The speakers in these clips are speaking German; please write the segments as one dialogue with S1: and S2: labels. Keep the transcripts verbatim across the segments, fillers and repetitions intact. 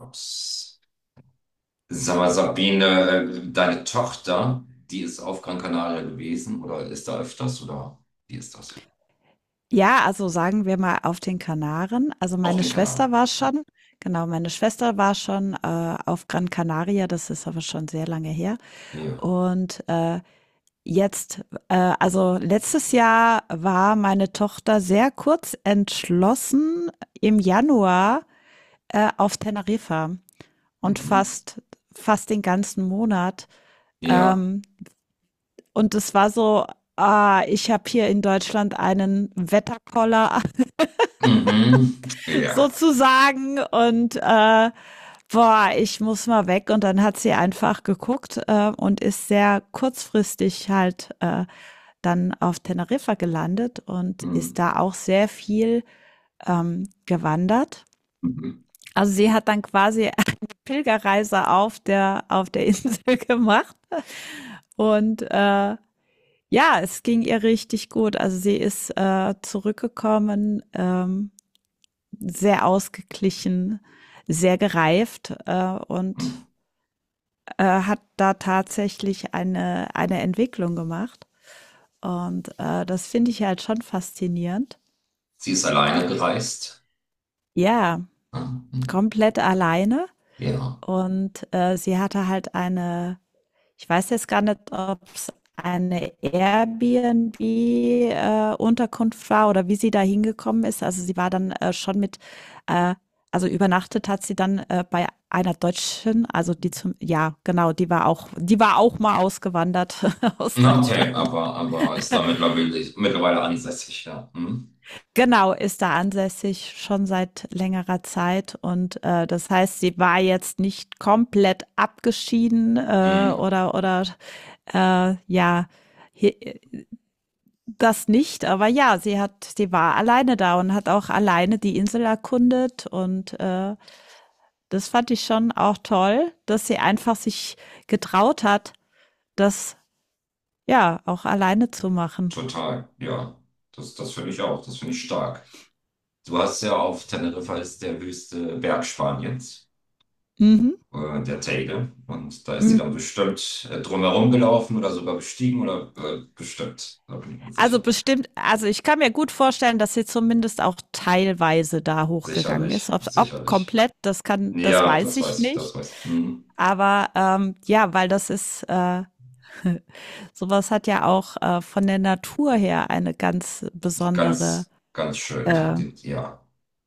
S1: Ups. Sag mal, Sabine, äh, deine Tochter, die ist auf Gran Canaria gewesen oder ist da öfters oder wie ist das?
S2: Ja, also sagen wir mal auf den Kanaren. Also
S1: Auf
S2: meine
S1: den Kanaren.
S2: Schwester war schon Genau, meine Schwester war schon, äh, auf Gran Canaria, das ist aber schon sehr lange her.
S1: Ja.
S2: Und, äh, jetzt äh, also letztes Jahr war meine Tochter sehr kurz entschlossen im Januar, äh, auf Teneriffa, und
S1: Mhm.
S2: fast fast den ganzen Monat.
S1: Ja.
S2: Ähm, und es war so: „Ah, ich habe hier in Deutschland einen Wetterkoller
S1: Mhm. Ja.
S2: sozusagen, und äh, boah, ich muss mal weg. Und dann hat sie einfach geguckt, äh, und ist sehr kurzfristig halt äh, dann auf Teneriffa gelandet und ist
S1: Mhm.
S2: da auch sehr viel ähm, gewandert.
S1: Mhm.
S2: Also sie hat dann quasi eine Pilgerreise auf der auf der Insel gemacht, und äh, ja, es ging ihr richtig gut. Also sie ist äh, zurückgekommen, ähm, sehr ausgeglichen, sehr gereift, äh, und
S1: Mhm.
S2: äh, hat da tatsächlich eine, eine Entwicklung gemacht. Und äh, das finde ich halt schon faszinierend.
S1: Sie ist alleine gereist.
S2: Ja,
S1: Ah. Mhm.
S2: komplett alleine.
S1: Ja.
S2: Und äh, sie hatte halt eine Ich weiß jetzt gar nicht, ob es eine Airbnb-, äh, Unterkunft war oder wie sie da hingekommen ist. Also, sie war dann, äh, schon mit äh, also, übernachtet hat sie dann, äh, bei einer Deutschen, also, die zum ja, genau, die war auch die war auch mal ausgewandert aus
S1: Na, okay,
S2: Deutschland.
S1: aber, aber ist da mittlerweile, mittlerweile ansässig, ja. Mhm.
S2: Genau, ist da ansässig schon seit längerer Zeit, und, äh, das heißt, sie war jetzt nicht komplett abgeschieden, äh,
S1: Mhm.
S2: oder oder, äh, ja, he, das nicht, aber ja, sie hat, sie war alleine da und hat auch alleine die Insel erkundet, und äh, das fand ich schon auch toll, dass sie einfach sich getraut hat, das ja auch alleine zu machen.
S1: Total, ja. Das, das finde ich auch, das finde ich stark. Du hast ja, auf Teneriffa ist der höchste Berg Spaniens.
S2: Mhm.
S1: Äh, der Teide. Und da ist sie dann
S2: Mhm.
S1: bestimmt äh, drumherum gelaufen oder sogar bestiegen oder äh, bestimmt. Da bin ich mir
S2: Also
S1: sicher.
S2: bestimmt, also ich kann mir gut vorstellen, dass sie zumindest auch teilweise da hochgegangen ist.
S1: Sicherlich,
S2: Ob, ob
S1: sicherlich.
S2: komplett, das kann, das
S1: Ja,
S2: weiß
S1: das
S2: ich
S1: weiß ich, das
S2: nicht.
S1: weiß ich. Mhm.
S2: Aber ähm, ja, weil das ist, äh, Sowas hat ja auch äh, von der Natur her eine ganz besondere
S1: Ganz, ganz schön. Die,
S2: äh,
S1: die, ja.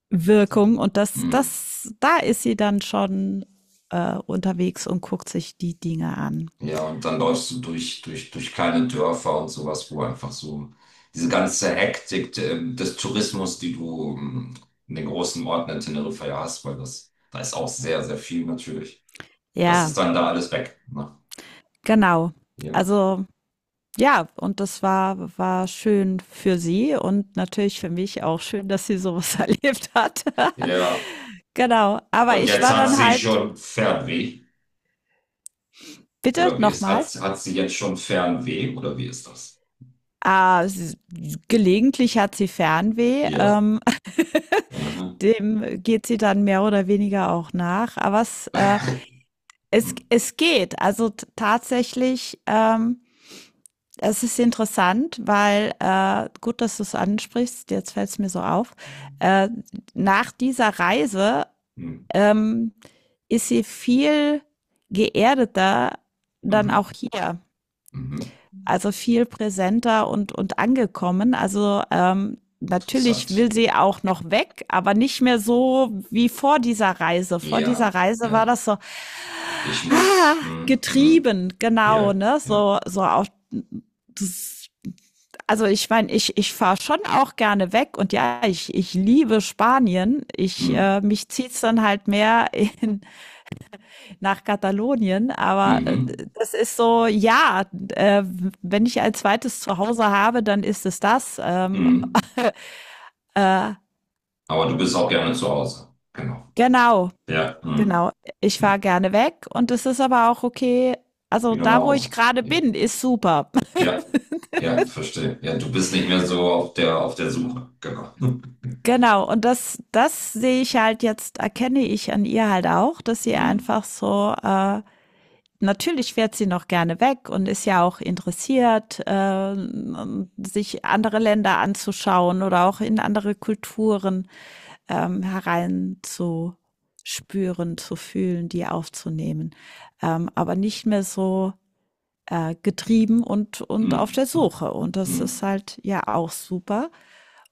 S2: Wirkung, und das,
S1: Mhm.
S2: das, da ist sie dann schon äh, unterwegs und guckt sich die Dinge an.
S1: Ja, und dann läufst du durch, durch, durch kleine Dörfer und sowas, wo einfach so diese ganze Hektik äh, des Tourismus, die du ähm, in den großen Orten in Teneriffa ja hast, weil das, da ist auch sehr, sehr viel natürlich. Das ist
S2: Ja,
S1: dann da alles weg, ne?
S2: genau.
S1: Ja.
S2: Also ja, und das war, war schön für sie, und natürlich für mich auch schön, dass sie sowas erlebt hat.
S1: Ja.
S2: Genau. Aber
S1: Und
S2: ich
S1: jetzt
S2: war
S1: hat
S2: dann
S1: sie
S2: halt,
S1: schon Fernweh,
S2: bitte
S1: oder wie ist, hat,
S2: nochmal.
S1: hat sie jetzt schon Fernweh, oder wie ist das?
S2: Ah, sie- gelegentlich hat sie Fernweh,
S1: Ja.
S2: ähm,
S1: Aha.
S2: Dem geht sie dann mehr oder weniger auch nach. Aber es, äh, es
S1: Hm,
S2: es geht. Also t tatsächlich, ähm, es ist interessant, weil, äh gut, dass du es ansprichst, jetzt fällt es mir so auf. Äh, nach dieser Reise,
S1: hm.
S2: ähm, ist sie viel geerdeter dann
S1: Mhm.
S2: auch hier,
S1: Mhm.
S2: also viel präsenter und, und angekommen. Also ähm, natürlich
S1: Interessant.
S2: will sie auch noch weg, aber nicht mehr so wie vor dieser Reise. Vor dieser
S1: Ja,
S2: Reise war
S1: ja.
S2: das so,
S1: Ich
S2: ah,
S1: muss. Hm, hm.
S2: getrieben, genau,
S1: Ja,
S2: ne?
S1: ja.
S2: So, so auch. Das, also ich meine, ich, ich fahre schon auch gerne weg, und ja, ich, ich liebe Spanien. Ich
S1: Hm.
S2: äh, mich zieht's dann halt mehr in, nach Katalonien, aber äh,
S1: Mhm.
S2: das ist so, ja, äh, wenn ich ein zweites Zuhause habe, dann ist es das. Ähm,
S1: Mhm.
S2: äh,
S1: Aber du bist auch gerne zu Hause. Genau.
S2: genau,
S1: Ja. Hm,
S2: genau. Ich fahre
S1: hm.
S2: gerne weg, und es ist aber auch okay. Also
S1: Wieder nach
S2: da, wo ich
S1: Hause.
S2: gerade
S1: Ja.
S2: bin, ist super.
S1: Ja, ja, verstehe. Ja, du bist nicht mehr so auf der auf der Suche. Genau.
S2: Genau. Und das, das sehe ich halt jetzt, erkenne ich an ihr halt auch, dass sie
S1: Hm,
S2: einfach so äh, natürlich fährt sie noch gerne weg und ist ja auch interessiert, äh, sich andere Länder anzuschauen oder auch in andere Kulturen ähm, hereinzuspüren, zu fühlen, die aufzunehmen. Ähm, aber nicht mehr so äh, getrieben und, und auf der
S1: hm, hm,
S2: Suche. Und das ist
S1: hm.
S2: halt ja auch super.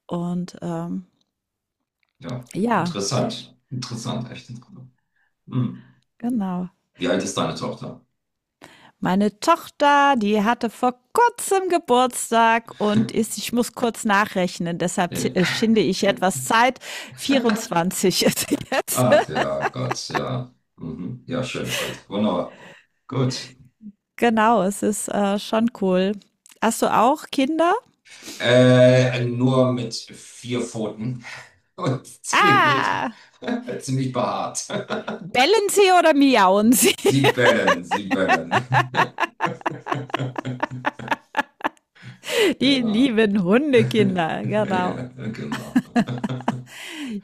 S2: Und ähm,
S1: Ja,
S2: ja,
S1: interessant. Interessant, echt interessant. Hm.
S2: genau.
S1: Wie alt ist deine Tochter?
S2: Meine Tochter, die hatte vor kurzem Geburtstag und ist, ich muss kurz nachrechnen, deshalb äh,
S1: Ja.
S2: schinde ich etwas Zeit. vierundzwanzig ist jetzt.
S1: Ach ja, Gott, ja. Mhm. Ja, schönes Alter. Wunderbar. Gut.
S2: Genau, es ist äh, schon cool. Hast du auch Kinder?
S1: Äh, nur mit vier Pfoten, und ziemlich,
S2: Ah!
S1: ziemlich behaart.
S2: Bellen sie oder miauen sie?
S1: Sie bellen, sie bellen.
S2: Die
S1: Genau.
S2: lieben Hundekinder, genau.
S1: Ja, genau.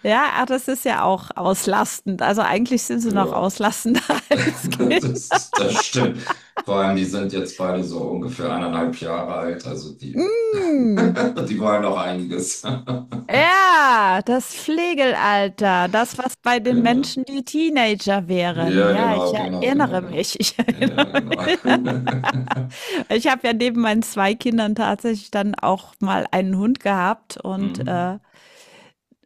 S2: Ja, ach, das ist ja auch auslastend. Also eigentlich sind sie noch
S1: Ja.
S2: auslastender als Kinder.
S1: Das, das stimmt. Vor allem, die sind jetzt beide so ungefähr eineinhalb Jahre alt, also die,
S2: Mm.
S1: die wollen noch einiges.
S2: Ja, das Flegelalter, das, was bei den
S1: Genau.
S2: Menschen die Teenager wären.
S1: Ja,
S2: Ja, ich
S1: genau, genau, genau,
S2: erinnere
S1: genau.
S2: mich, ich
S1: Ja,
S2: erinnere
S1: genau.
S2: mich. Ich habe ja neben meinen zwei Kindern tatsächlich dann auch mal einen Hund gehabt, und, äh,
S1: Mhm.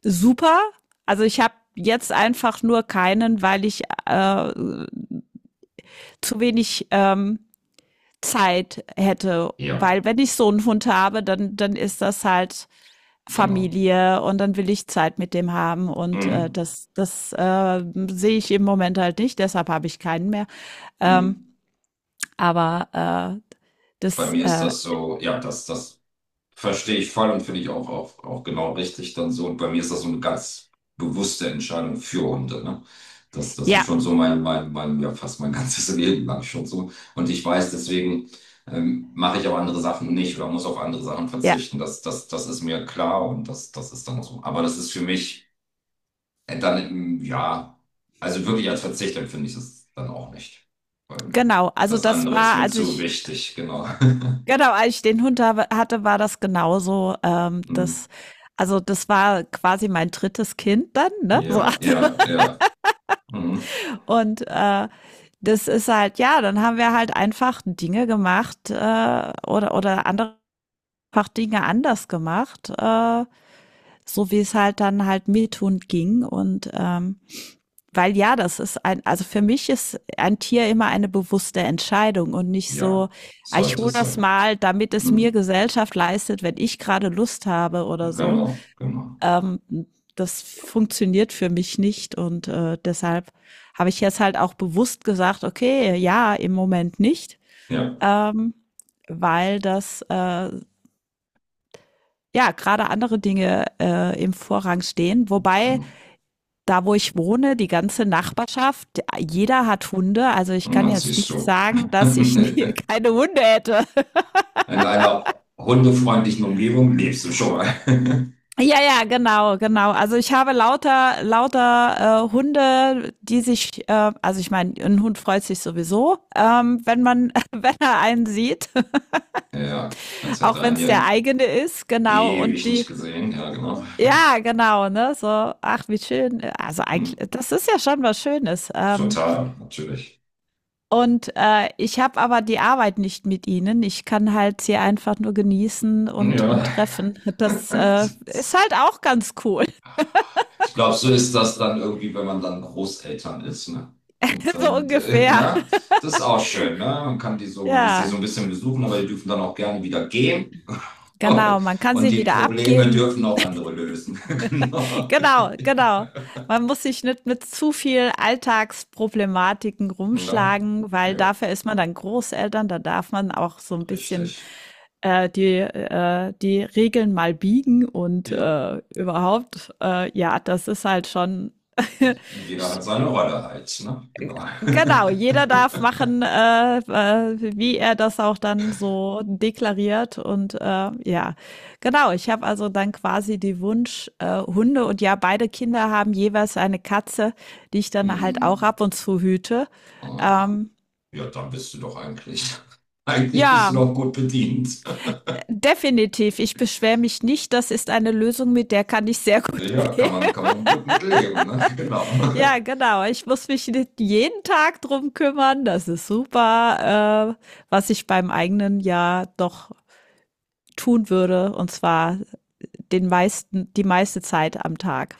S2: super. Also, ich habe jetzt einfach nur keinen, weil ich, äh, zu wenig, ähm, Zeit hätte,
S1: Ja,
S2: weil wenn ich so einen Hund habe, dann dann ist das halt
S1: genau.
S2: Familie, und dann will ich Zeit mit dem haben, und, äh,
S1: Mhm.
S2: das das, äh, sehe ich im Moment halt nicht, deshalb habe ich keinen mehr. Ähm,
S1: Mhm.
S2: aber, äh,
S1: Bei
S2: das,
S1: mir ist
S2: äh
S1: das so, ja, das, das. Verstehe ich voll und finde ich auch, auch, auch genau richtig dann so. Und bei mir ist das so eine ganz bewusste Entscheidung für Hunde, ne? Das, das ist
S2: ja,
S1: schon so mein, mein, mein, ja, fast mein ganzes Leben lang schon so. Und ich weiß, deswegen ähm, mache ich auch andere Sachen nicht oder muss auf andere Sachen
S2: ja,
S1: verzichten. Das, das, das ist mir klar und das, das ist dann so. Aber das ist für mich äh, dann, ähm, ja, also wirklich als Verzicht empfinde ich es dann auch nicht. Weil
S2: genau. Also,
S1: das
S2: das
S1: andere ist
S2: war,
S1: mir
S2: als
S1: zu
S2: ich
S1: wichtig, genau.
S2: genau, als ich den Hund habe hatte, war das genauso. Ähm,
S1: Mm.
S2: das also, das war quasi mein drittes Kind dann, ne? So,
S1: Ja,
S2: also
S1: ja, ja. Mhm.
S2: und, äh, das ist halt ja, dann haben wir halt einfach Dinge gemacht, äh, oder oder andere einfach Dinge anders gemacht, äh, so wie es halt dann halt mir tun ging. Und ähm, weil ja, das ist ein, also für mich ist ein Tier immer eine bewusste Entscheidung, und nicht so:
S1: Ja,
S2: ah, ich
S1: sollte
S2: hole
S1: es
S2: das
S1: sein.
S2: mal, damit es mir
S1: Mhm.
S2: Gesellschaft leistet, wenn ich gerade Lust habe oder so.
S1: Genau, genau.
S2: Ähm, Das funktioniert für mich nicht, und äh, deshalb habe ich jetzt halt auch bewusst gesagt: okay, ja, im Moment nicht,
S1: Ja,
S2: ähm, weil das äh, ja, gerade andere Dinge äh, im Vorrang stehen. Wobei,
S1: genau.
S2: da wo ich wohne, die ganze Nachbarschaft, jeder hat Hunde. Also ich
S1: Und
S2: kann
S1: dann
S2: jetzt
S1: siehst
S2: nicht
S1: du,
S2: sagen, dass ich nie,
S1: in
S2: keine Hunde hätte.
S1: einer hundefreundlichen Umgebung lebst du schon mal.
S2: Ja, ja, genau, genau. Also ich habe lauter, lauter äh, Hunde, die sich, äh, also ich meine, ein Hund freut sich sowieso, ähm, wenn man, wenn er einen sieht,
S1: Ja, als hätte
S2: auch
S1: er
S2: wenn
S1: ihn
S2: es
S1: ja
S2: der eigene ist, genau. Und
S1: ewig nicht
S2: die,
S1: gesehen. Ja, genau.
S2: ja, genau, ne? So, ach, wie schön. Also
S1: Hm.
S2: eigentlich, das ist ja schon was Schönes. Ähm,
S1: Total, natürlich.
S2: Und äh, ich habe aber die Arbeit nicht mit ihnen. Ich kann halt sie einfach nur genießen
S1: Hm.
S2: und, und
S1: Ja.
S2: treffen. Das äh, ist halt auch ganz cool.
S1: Ich glaube, so ist das dann irgendwie, wenn man dann Großeltern ist, ne? Und
S2: So
S1: dann, äh,
S2: ungefähr.
S1: ne? Das ist auch schön, ne? Man kann die so, man lässt sich so
S2: Ja,
S1: ein bisschen besuchen, aber die dürfen dann auch gerne wieder gehen.
S2: genau. Man kann
S1: Und
S2: sie
S1: die
S2: wieder
S1: Probleme
S2: abgeben.
S1: dürfen auch andere lösen.
S2: Genau, genau. Man muss sich nicht mit zu viel Alltagsproblematiken
S1: Genau.
S2: rumschlagen,
S1: Ne?
S2: weil
S1: Ja,
S2: dafür ist man dann Großeltern. Da darf man auch so ein
S1: richtig.
S2: bisschen äh, die, äh, die Regeln mal biegen und
S1: Ja,
S2: äh, überhaupt, äh, ja, das ist halt schon.
S1: jeder hat seine Rolle halt, ne? Genau.
S2: Genau, jeder darf machen, äh, äh, wie er das auch dann so deklariert. Und äh, ja, genau, ich habe also dann quasi die Wunsch-, äh, Hunde, und ja, beide Kinder haben jeweils eine Katze, die ich dann halt auch
S1: Hm.
S2: ab und zu hüte.
S1: Aha.
S2: Ähm,
S1: Ja, dann bist du doch eigentlich, eigentlich bist du
S2: ja,
S1: doch gut bedient.
S2: definitiv. Ich beschwere mich nicht. Das ist eine Lösung, mit der kann ich sehr gut
S1: Ja, kann
S2: leben.
S1: man, kann man gut mit leben, ne? Genau.
S2: Ja, genau. Ich muss mich nicht jeden Tag drum kümmern. Das ist super, äh, was ich beim eigenen Jahr doch tun würde. Und zwar den meisten, die meiste Zeit am Tag.